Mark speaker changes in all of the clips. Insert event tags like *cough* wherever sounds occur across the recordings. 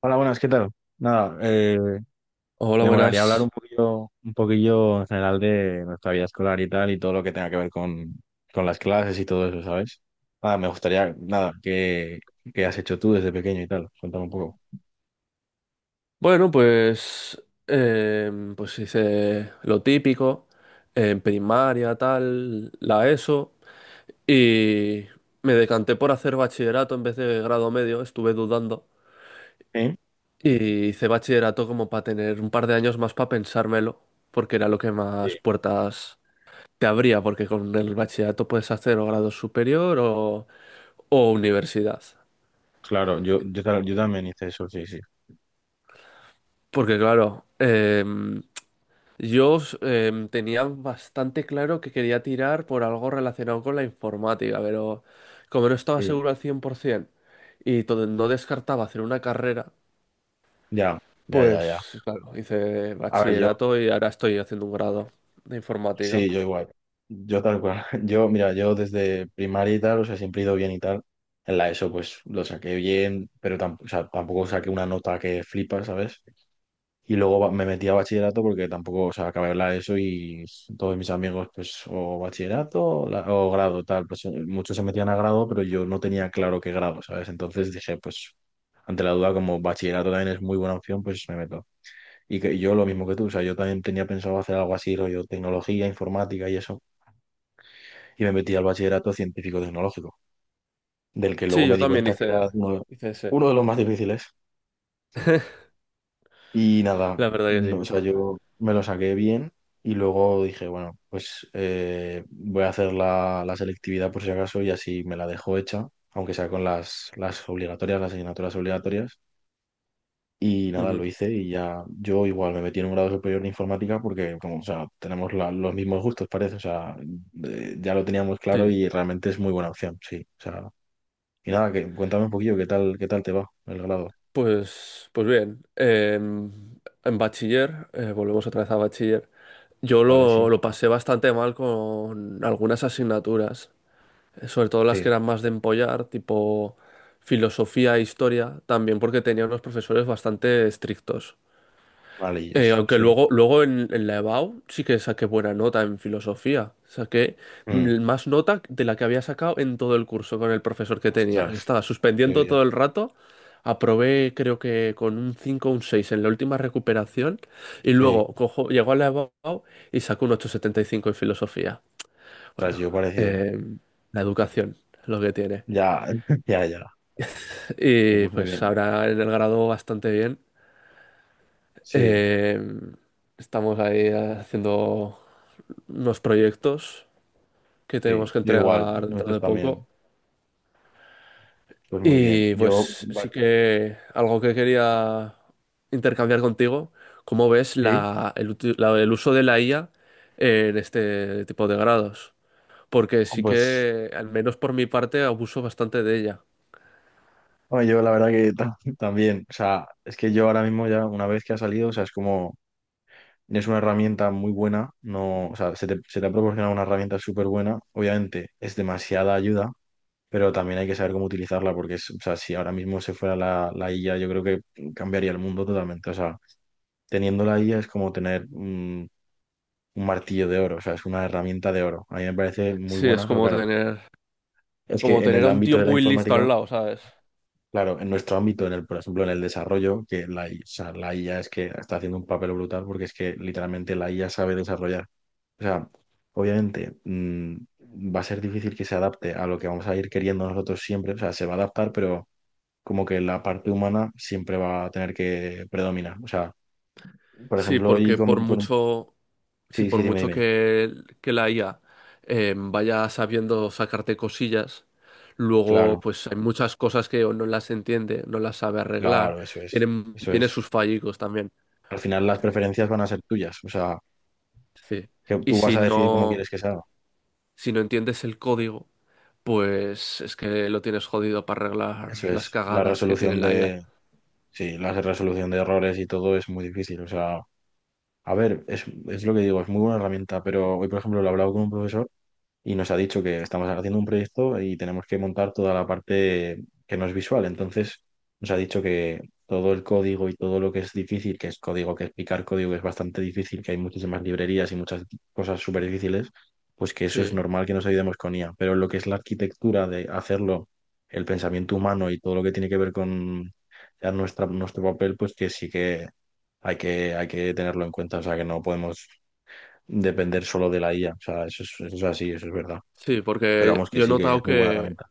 Speaker 1: Hola, buenas, ¿qué tal? Nada,
Speaker 2: Hola,
Speaker 1: me molaría hablar
Speaker 2: buenas.
Speaker 1: un poquillo en general de nuestra vida escolar y tal, y todo lo que tenga que ver con las clases y todo eso, ¿sabes? Nada, me gustaría, nada, ¿qué has hecho tú desde pequeño y tal? Cuéntame un poco.
Speaker 2: Bueno, pues hice lo típico, en primaria, tal, la ESO, y me decanté por hacer bachillerato en vez de grado medio, estuve dudando,
Speaker 1: ¿Sí?
Speaker 2: y hice bachillerato como para tener un par de años más para pensármelo, porque era lo que
Speaker 1: Sí,
Speaker 2: más puertas te abría, porque con el bachillerato puedes hacer o grado superior o universidad.
Speaker 1: claro, yo también hice eso, sí, sí.
Speaker 2: Porque claro, yo tenía bastante claro que quería tirar por algo relacionado con la informática, pero como no estaba
Speaker 1: Sí.
Speaker 2: seguro al 100% y no descartaba hacer una carrera,
Speaker 1: Ya, ya, ya, ya.
Speaker 2: pues claro, hice
Speaker 1: A ver, yo.
Speaker 2: bachillerato y ahora estoy haciendo un grado de informática.
Speaker 1: Sí, yo igual. Yo tal cual. *laughs* Yo, mira, yo desde primaria y tal, o sea, siempre he ido bien y tal. En la ESO, pues lo saqué bien, pero tampoco, o sea, tampoco saqué una nota que flipa, ¿sabes? Y luego me metí a bachillerato porque tampoco, o sea, acabé la ESO y todos mis amigos, pues, o bachillerato o grado, tal. Pues muchos se metían a grado, pero yo no tenía claro qué grado, ¿sabes? Entonces dije, pues, ante la duda, como bachillerato también es muy buena opción, pues me meto. Y yo lo mismo que tú, o sea, yo también tenía pensado hacer algo así, rollo tecnología, informática y eso, y me metí al bachillerato científico-tecnológico, del que luego
Speaker 2: Sí, yo
Speaker 1: me di
Speaker 2: también
Speaker 1: cuenta que era
Speaker 2: hice, hice ese,
Speaker 1: uno de los más difíciles. Y nada,
Speaker 2: la verdad que
Speaker 1: no,
Speaker 2: sí.
Speaker 1: o sea, yo me lo saqué bien y luego dije, bueno, pues voy a hacer la selectividad por si acaso y así me la dejo hecha, aunque sea con las obligatorias, las asignaturas obligatorias. Y nada, lo
Speaker 2: Ujú.
Speaker 1: hice y ya yo igual me metí en un grado superior de informática porque como, o sea, tenemos los mismos gustos, parece. O sea, ya lo teníamos claro
Speaker 2: Sí,
Speaker 1: y realmente es muy buena opción, sí. O sea, y nada, que, cuéntame un poquillo qué tal te va el grado.
Speaker 2: pues bien, en bachiller, volvemos otra vez a bachiller. Yo
Speaker 1: Vale,
Speaker 2: lo,
Speaker 1: sí,
Speaker 2: lo pasé bastante mal con algunas asignaturas, sobre todo las
Speaker 1: sí,
Speaker 2: que eran más de empollar, tipo filosofía e historia, también porque tenía unos profesores bastante estrictos.
Speaker 1: vale, yo
Speaker 2: Aunque
Speaker 1: sí.
Speaker 2: luego en la EBAU sí que saqué buena nota en filosofía. Saqué
Speaker 1: Mm.
Speaker 2: más nota de la que había sacado en todo el curso con el profesor que tenía, que
Speaker 1: Ostras,
Speaker 2: estaba
Speaker 1: qué
Speaker 2: suspendiendo todo
Speaker 1: bien.
Speaker 2: el rato. Aprobé creo que con un 5 o un 6 en la última recuperación. Y
Speaker 1: Sí,
Speaker 2: luego llegó a la EBAU y sacó un 8,75 en filosofía.
Speaker 1: ostras,
Speaker 2: Bueno,
Speaker 1: yo parecido.
Speaker 2: eh, la educación es lo que tiene.
Speaker 1: Ya, *laughs* ya, ya.
Speaker 2: Y
Speaker 1: Pues muy
Speaker 2: pues
Speaker 1: bien.
Speaker 2: ahora en el grado bastante bien.
Speaker 1: Sí,
Speaker 2: Eh, estamos ahí haciendo unos proyectos que
Speaker 1: sí,
Speaker 2: tenemos que
Speaker 1: yo igual,
Speaker 2: entregar dentro
Speaker 1: nosotros
Speaker 2: de poco.
Speaker 1: también. Pues muy bien.
Speaker 2: Y
Speaker 1: Yo,
Speaker 2: pues
Speaker 1: va-,
Speaker 2: sí que algo que quería intercambiar contigo, ¿cómo ves
Speaker 1: sí,
Speaker 2: la, el, uti- la- el uso de la IA en este tipo de grados? Porque
Speaker 1: jo,
Speaker 2: sí
Speaker 1: pues
Speaker 2: que, al menos por mi parte, abuso bastante de ella.
Speaker 1: no, yo la verdad que ta- *laughs* también. O sea, es que yo ahora mismo ya, una vez que ha salido, o sea, es como, es una herramienta muy buena. No, o sea, se te ha proporcionado una herramienta súper buena. Obviamente, es demasiada ayuda, pero también hay que saber cómo utilizarla porque, es- o sea, si ahora mismo se fuera la IA, yo creo que cambiaría el mundo totalmente. O sea, teniendo la IA es como tener un martillo de oro, o sea, es una herramienta de oro. A mí me parece muy
Speaker 2: Sí,
Speaker 1: buena,
Speaker 2: es
Speaker 1: pero
Speaker 2: como
Speaker 1: claro,
Speaker 2: tener,
Speaker 1: es
Speaker 2: como
Speaker 1: que en
Speaker 2: tener
Speaker 1: el
Speaker 2: a un
Speaker 1: ámbito
Speaker 2: tío
Speaker 1: de la
Speaker 2: muy listo
Speaker 1: informática,
Speaker 2: al lado, ¿sabes?
Speaker 1: claro, en nuestro ámbito, en el, por ejemplo, en el desarrollo, que o sea, la IA es que está haciendo un papel brutal porque es que literalmente la IA sabe desarrollar. O sea, obviamente... va a ser difícil que se adapte a lo que vamos a ir queriendo nosotros siempre, o sea, se va a adaptar, pero como que la parte humana siempre va a tener que predominar. O sea, por
Speaker 2: Sí,
Speaker 1: ejemplo, y
Speaker 2: porque sí,
Speaker 1: sí, sí,
Speaker 2: por mucho
Speaker 1: dime.
Speaker 2: que la IA vaya sabiendo sacarte cosillas, luego
Speaker 1: Claro,
Speaker 2: pues hay muchas cosas que o no las entiende, no las sabe arreglar,
Speaker 1: claro, eso es,
Speaker 2: tiene,
Speaker 1: eso
Speaker 2: tiene
Speaker 1: es.
Speaker 2: sus fallicos también.
Speaker 1: Al final las preferencias van a ser tuyas, o sea,
Speaker 2: Sí.
Speaker 1: que
Speaker 2: Y
Speaker 1: tú vas
Speaker 2: si
Speaker 1: a decidir cómo
Speaker 2: no,
Speaker 1: quieres que se haga.
Speaker 2: si no entiendes el código, pues es que lo tienes jodido para arreglar
Speaker 1: Eso
Speaker 2: las
Speaker 1: es,
Speaker 2: cagadas que tiene la IA.
Speaker 1: sí, la resolución de errores y todo es muy difícil, o sea, a ver, es lo que digo, es muy buena herramienta, pero hoy, por ejemplo, lo he hablado con un profesor y nos ha dicho que estamos haciendo un proyecto y tenemos que montar toda la parte que no es visual. Entonces, nos ha dicho que todo el código y todo lo que es difícil, que es código, que explicar código es bastante difícil, que hay muchísimas librerías y muchas cosas súper difíciles, pues que eso es
Speaker 2: Sí,
Speaker 1: normal que nos ayudemos con IA. Pero lo que es la arquitectura de hacerlo, el pensamiento humano y todo lo que tiene que ver con ya nuestro papel, pues que sí que hay que tenerlo en cuenta. O sea, que no podemos depender solo de la IA. O sea, eso es así, eso es verdad.
Speaker 2: sí,
Speaker 1: Pero
Speaker 2: porque
Speaker 1: vamos, que
Speaker 2: yo he
Speaker 1: sí que
Speaker 2: notado
Speaker 1: es muy buena
Speaker 2: que,
Speaker 1: herramienta.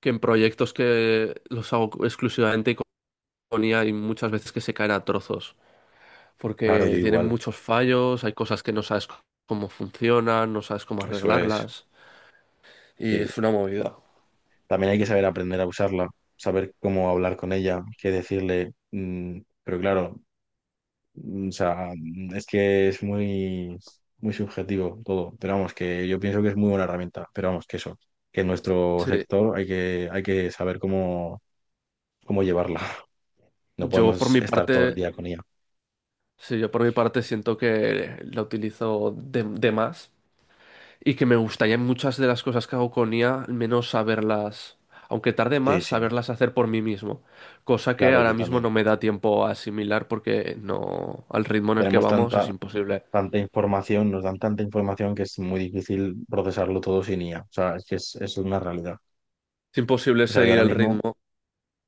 Speaker 2: que en proyectos que los hago exclusivamente y hay muchas veces que se caen a trozos,
Speaker 1: Claro,
Speaker 2: porque
Speaker 1: yo
Speaker 2: tienen
Speaker 1: igual.
Speaker 2: muchos fallos, hay cosas que no sabes cómo funcionan, no sabes cómo
Speaker 1: Eso es.
Speaker 2: arreglarlas, y
Speaker 1: Sí.
Speaker 2: es una movida.
Speaker 1: También hay que saber aprender a usarla, saber cómo hablar con ella, qué decirle. Pero claro, es que es muy, muy subjetivo todo. Pero vamos, que yo pienso que es muy buena herramienta. Pero vamos, que eso, que en nuestro
Speaker 2: Sí,
Speaker 1: sector hay que saber cómo llevarla. *laughs* No
Speaker 2: yo por
Speaker 1: podemos
Speaker 2: mi
Speaker 1: estar todo el
Speaker 2: parte,
Speaker 1: día con ella.
Speaker 2: sí, yo por mi parte siento que la utilizo de más y que me gustaría en muchas de las cosas que hago con IA, al menos saberlas, aunque tarde
Speaker 1: Sí,
Speaker 2: más,
Speaker 1: sí,
Speaker 2: saberlas hacer por mí mismo, cosa que
Speaker 1: claro,
Speaker 2: ahora
Speaker 1: yo
Speaker 2: mismo
Speaker 1: también.
Speaker 2: no me da tiempo a asimilar porque no, al ritmo en el que
Speaker 1: Tenemos
Speaker 2: vamos es
Speaker 1: tanta,
Speaker 2: imposible.
Speaker 1: tanta información, nos dan tanta información que es muy difícil procesarlo todo sin IA. O sea, es que es una realidad.
Speaker 2: Es imposible
Speaker 1: O sea, yo
Speaker 2: seguir
Speaker 1: ahora
Speaker 2: el
Speaker 1: mismo,
Speaker 2: ritmo.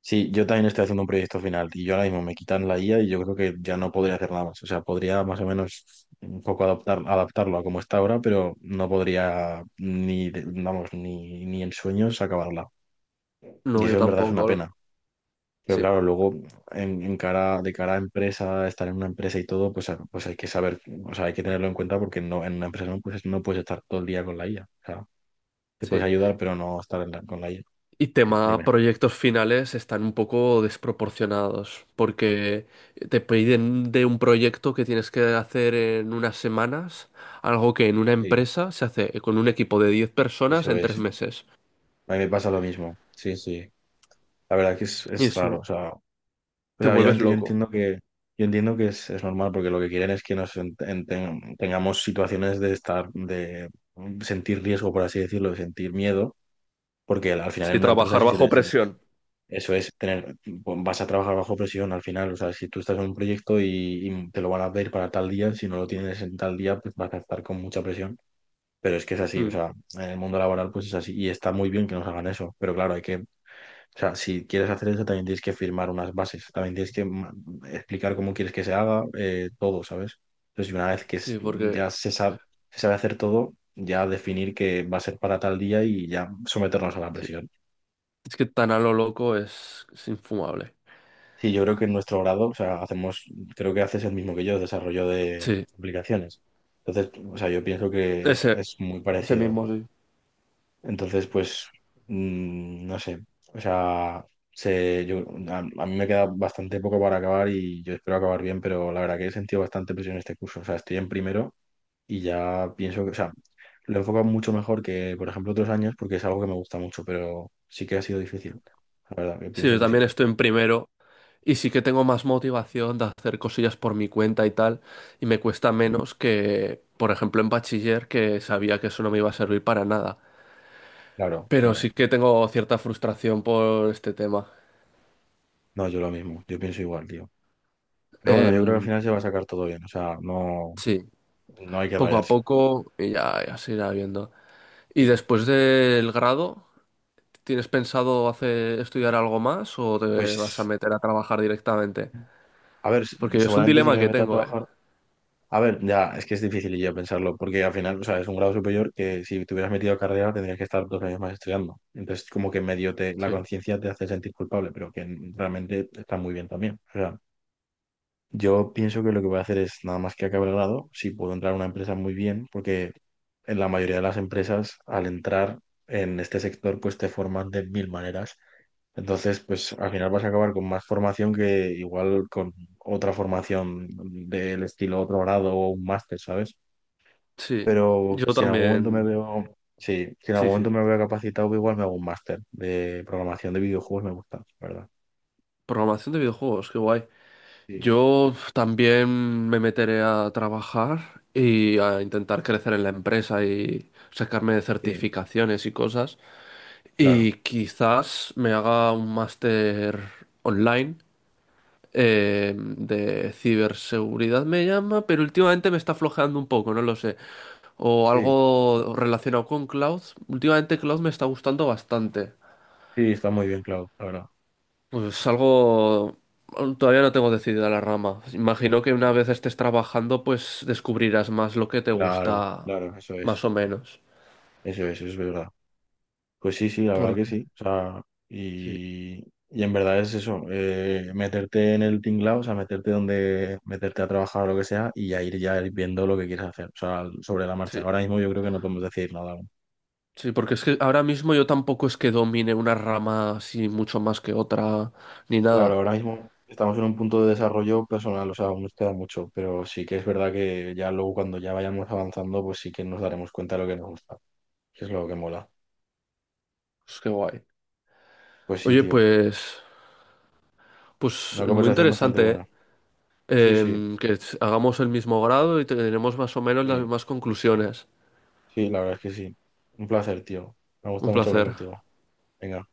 Speaker 1: sí, yo también estoy haciendo un proyecto final y yo ahora mismo me quitan la IA y yo creo que ya no podría hacer nada más. O sea, podría más o menos un poco adaptar, adaptarlo a como está ahora, pero no podría ni, de- vamos, ni en sueños acabarla. Y
Speaker 2: No, yo
Speaker 1: eso en verdad es
Speaker 2: tampoco,
Speaker 1: una
Speaker 2: Olo.
Speaker 1: pena. Pero
Speaker 2: Sí,
Speaker 1: claro, luego de cara a empresa, estar en una empresa y todo, pues, a- pues hay que saber, o sea, hay que tenerlo en cuenta porque no, en una empresa no pues no puedes estar todo el día con la IA. O sea, te
Speaker 2: sí.
Speaker 1: puedes ayudar, pero no estar en con la IA.
Speaker 2: Y
Speaker 1: Sí,
Speaker 2: tema
Speaker 1: dime.
Speaker 2: proyectos finales están un poco desproporcionados, porque te piden de un proyecto que tienes que hacer en unas semanas, algo que en una
Speaker 1: Sí,
Speaker 2: empresa se hace con un equipo de 10 personas
Speaker 1: eso
Speaker 2: en 3
Speaker 1: es.
Speaker 2: meses.
Speaker 1: A mí me pasa lo mismo. Sí, sí. La verdad es que
Speaker 2: Y
Speaker 1: es raro.
Speaker 2: eso
Speaker 1: O sea,
Speaker 2: te
Speaker 1: pues
Speaker 2: vuelves
Speaker 1: obviamente
Speaker 2: loco.
Speaker 1: yo entiendo que es normal porque lo que quieren es que nos tengamos situaciones de estar, de sentir riesgo, por así decirlo, de sentir miedo. Porque al final en
Speaker 2: Sí,
Speaker 1: una empresa,
Speaker 2: trabajar bajo
Speaker 1: si te.
Speaker 2: presión.
Speaker 1: Eso es tener, pues, vas a trabajar bajo presión al final. O sea, si tú estás en un proyecto y te lo van a pedir para tal día, si no lo tienes en tal día, pues vas a estar con mucha presión. Pero es que es así, o
Speaker 2: Mm.
Speaker 1: sea, en el mundo laboral pues es así. Y está muy bien que nos hagan eso. Pero claro, hay que, o sea, si quieres hacer eso, también tienes que firmar unas bases. También tienes que ma- explicar cómo quieres que se haga, todo, ¿sabes? Entonces, una vez que es-
Speaker 2: Sí, porque
Speaker 1: ya se sabe hacer todo, ya definir que va a ser para tal día y ya someternos a la
Speaker 2: sí.
Speaker 1: presión.
Speaker 2: Es que tan a lo loco es infumable.
Speaker 1: Sí, yo creo que en nuestro grado, o sea, hacemos, creo que haces el mismo que yo, desarrollo de
Speaker 2: Sí,
Speaker 1: aplicaciones. Entonces, o sea, yo pienso que
Speaker 2: ese,
Speaker 1: es muy
Speaker 2: ese
Speaker 1: parecido.
Speaker 2: mismo, sí.
Speaker 1: Entonces, pues, no sé, o sea, se, yo, a mí me queda bastante poco para acabar y yo espero acabar bien, pero la verdad que he sentido bastante presión en este curso. O sea, estoy en primero y ya pienso que, o sea, lo he enfocado mucho mejor que, por ejemplo, otros años porque es algo que me gusta mucho, pero sí que ha sido difícil. La verdad, que
Speaker 2: Sí,
Speaker 1: pienso
Speaker 2: yo
Speaker 1: que sí.
Speaker 2: también estoy en primero. Y sí que tengo más motivación de hacer cosillas por mi cuenta y tal, y me cuesta menos que, por ejemplo, en bachiller, que sabía que eso no me iba a servir para nada.
Speaker 1: Claro,
Speaker 2: Pero
Speaker 1: claro.
Speaker 2: sí que tengo cierta frustración por este tema.
Speaker 1: No, yo lo mismo, yo pienso igual, tío. Pero bueno, yo creo que al
Speaker 2: Em,
Speaker 1: final se va a sacar todo bien, o sea, no,
Speaker 2: sí,
Speaker 1: no hay que
Speaker 2: poco a
Speaker 1: rayarse.
Speaker 2: poco y ya se irá viendo. ¿Y
Speaker 1: Sí.
Speaker 2: después del grado, tienes pensado hacer, estudiar algo más o te vas a
Speaker 1: Pues,
Speaker 2: meter a trabajar directamente?
Speaker 1: a ver, s-
Speaker 2: Porque es un
Speaker 1: seguramente sí que
Speaker 2: dilema
Speaker 1: me
Speaker 2: que
Speaker 1: meta a
Speaker 2: tengo, ¿eh?
Speaker 1: trabajar. A ver, ya, es que es difícil yo pensarlo, porque al final, o sea, es un grado superior que si te hubieras metido a carrera tendrías que estar dos años más estudiando. Entonces, como que medio te, la
Speaker 2: Sí,
Speaker 1: conciencia te hace sentir culpable, pero que realmente está muy bien también. O sea, yo pienso que lo que voy a hacer es nada más que acabe el grado, si puedo entrar a una empresa muy bien, porque en la mayoría de las empresas, al entrar en este sector, pues te forman de mil maneras. Entonces, pues al final vas a acabar con más formación que igual con otra formación del estilo otro grado o un máster, ¿sabes?
Speaker 2: sí,
Speaker 1: Pero
Speaker 2: yo
Speaker 1: si en algún momento me
Speaker 2: también.
Speaker 1: veo, sí, si en
Speaker 2: Sí,
Speaker 1: algún
Speaker 2: sí.
Speaker 1: momento me veo capacitado, igual me hago un máster de programación de videojuegos, me gusta, la ¿verdad?
Speaker 2: Programación de videojuegos, qué guay.
Speaker 1: Sí,
Speaker 2: Yo también me meteré a trabajar y a intentar crecer en la empresa y sacarme de
Speaker 1: sí,
Speaker 2: certificaciones y cosas.
Speaker 1: claro.
Speaker 2: Y quizás me haga un máster online de ciberseguridad, me llama, pero últimamente me está flojeando un poco, no lo sé. O
Speaker 1: Sí,
Speaker 2: algo relacionado con cloud. Últimamente cloud me está gustando bastante.
Speaker 1: sí, está muy bien, Clau, la verdad.
Speaker 2: Pues algo... Todavía no tengo decidida la rama. Imagino que una vez estés trabajando, pues descubrirás más lo que te
Speaker 1: Claro,
Speaker 2: gusta,
Speaker 1: claro,
Speaker 2: más o menos.
Speaker 1: eso es verdad. Pues sí, sí, la verdad que
Speaker 2: Porque...
Speaker 1: sí. O sea,
Speaker 2: Sí,
Speaker 1: y, y en verdad es eso, meterte en el tinglao, o sea, meterte donde, meterte a trabajar o lo que sea, y ya ir viendo lo que quieres hacer, o sea, sobre la
Speaker 2: sí,
Speaker 1: marcha. Ahora mismo yo creo que no podemos decir nada aún.
Speaker 2: sí, porque es que ahora mismo yo tampoco es que domine una rama así mucho más que otra, ni
Speaker 1: Claro,
Speaker 2: nada.
Speaker 1: ahora mismo estamos en un punto de desarrollo personal, o sea, aún nos queda mucho, pero sí que es verdad que ya luego cuando ya vayamos avanzando, pues sí que nos daremos cuenta de lo que nos gusta, que es lo que mola.
Speaker 2: Pues qué guay.
Speaker 1: Pues sí,
Speaker 2: Oye,
Speaker 1: tío,
Speaker 2: pues
Speaker 1: una
Speaker 2: muy
Speaker 1: conversación bastante
Speaker 2: interesante, ¿eh?
Speaker 1: buena. Sí, sí.
Speaker 2: Que hagamos el mismo grado y tenemos más o menos las
Speaker 1: Sí.
Speaker 2: mismas conclusiones.
Speaker 1: Sí, la verdad es que sí. Un placer, tío. Me gusta
Speaker 2: Un
Speaker 1: mucho hablar
Speaker 2: placer.
Speaker 1: contigo. Venga.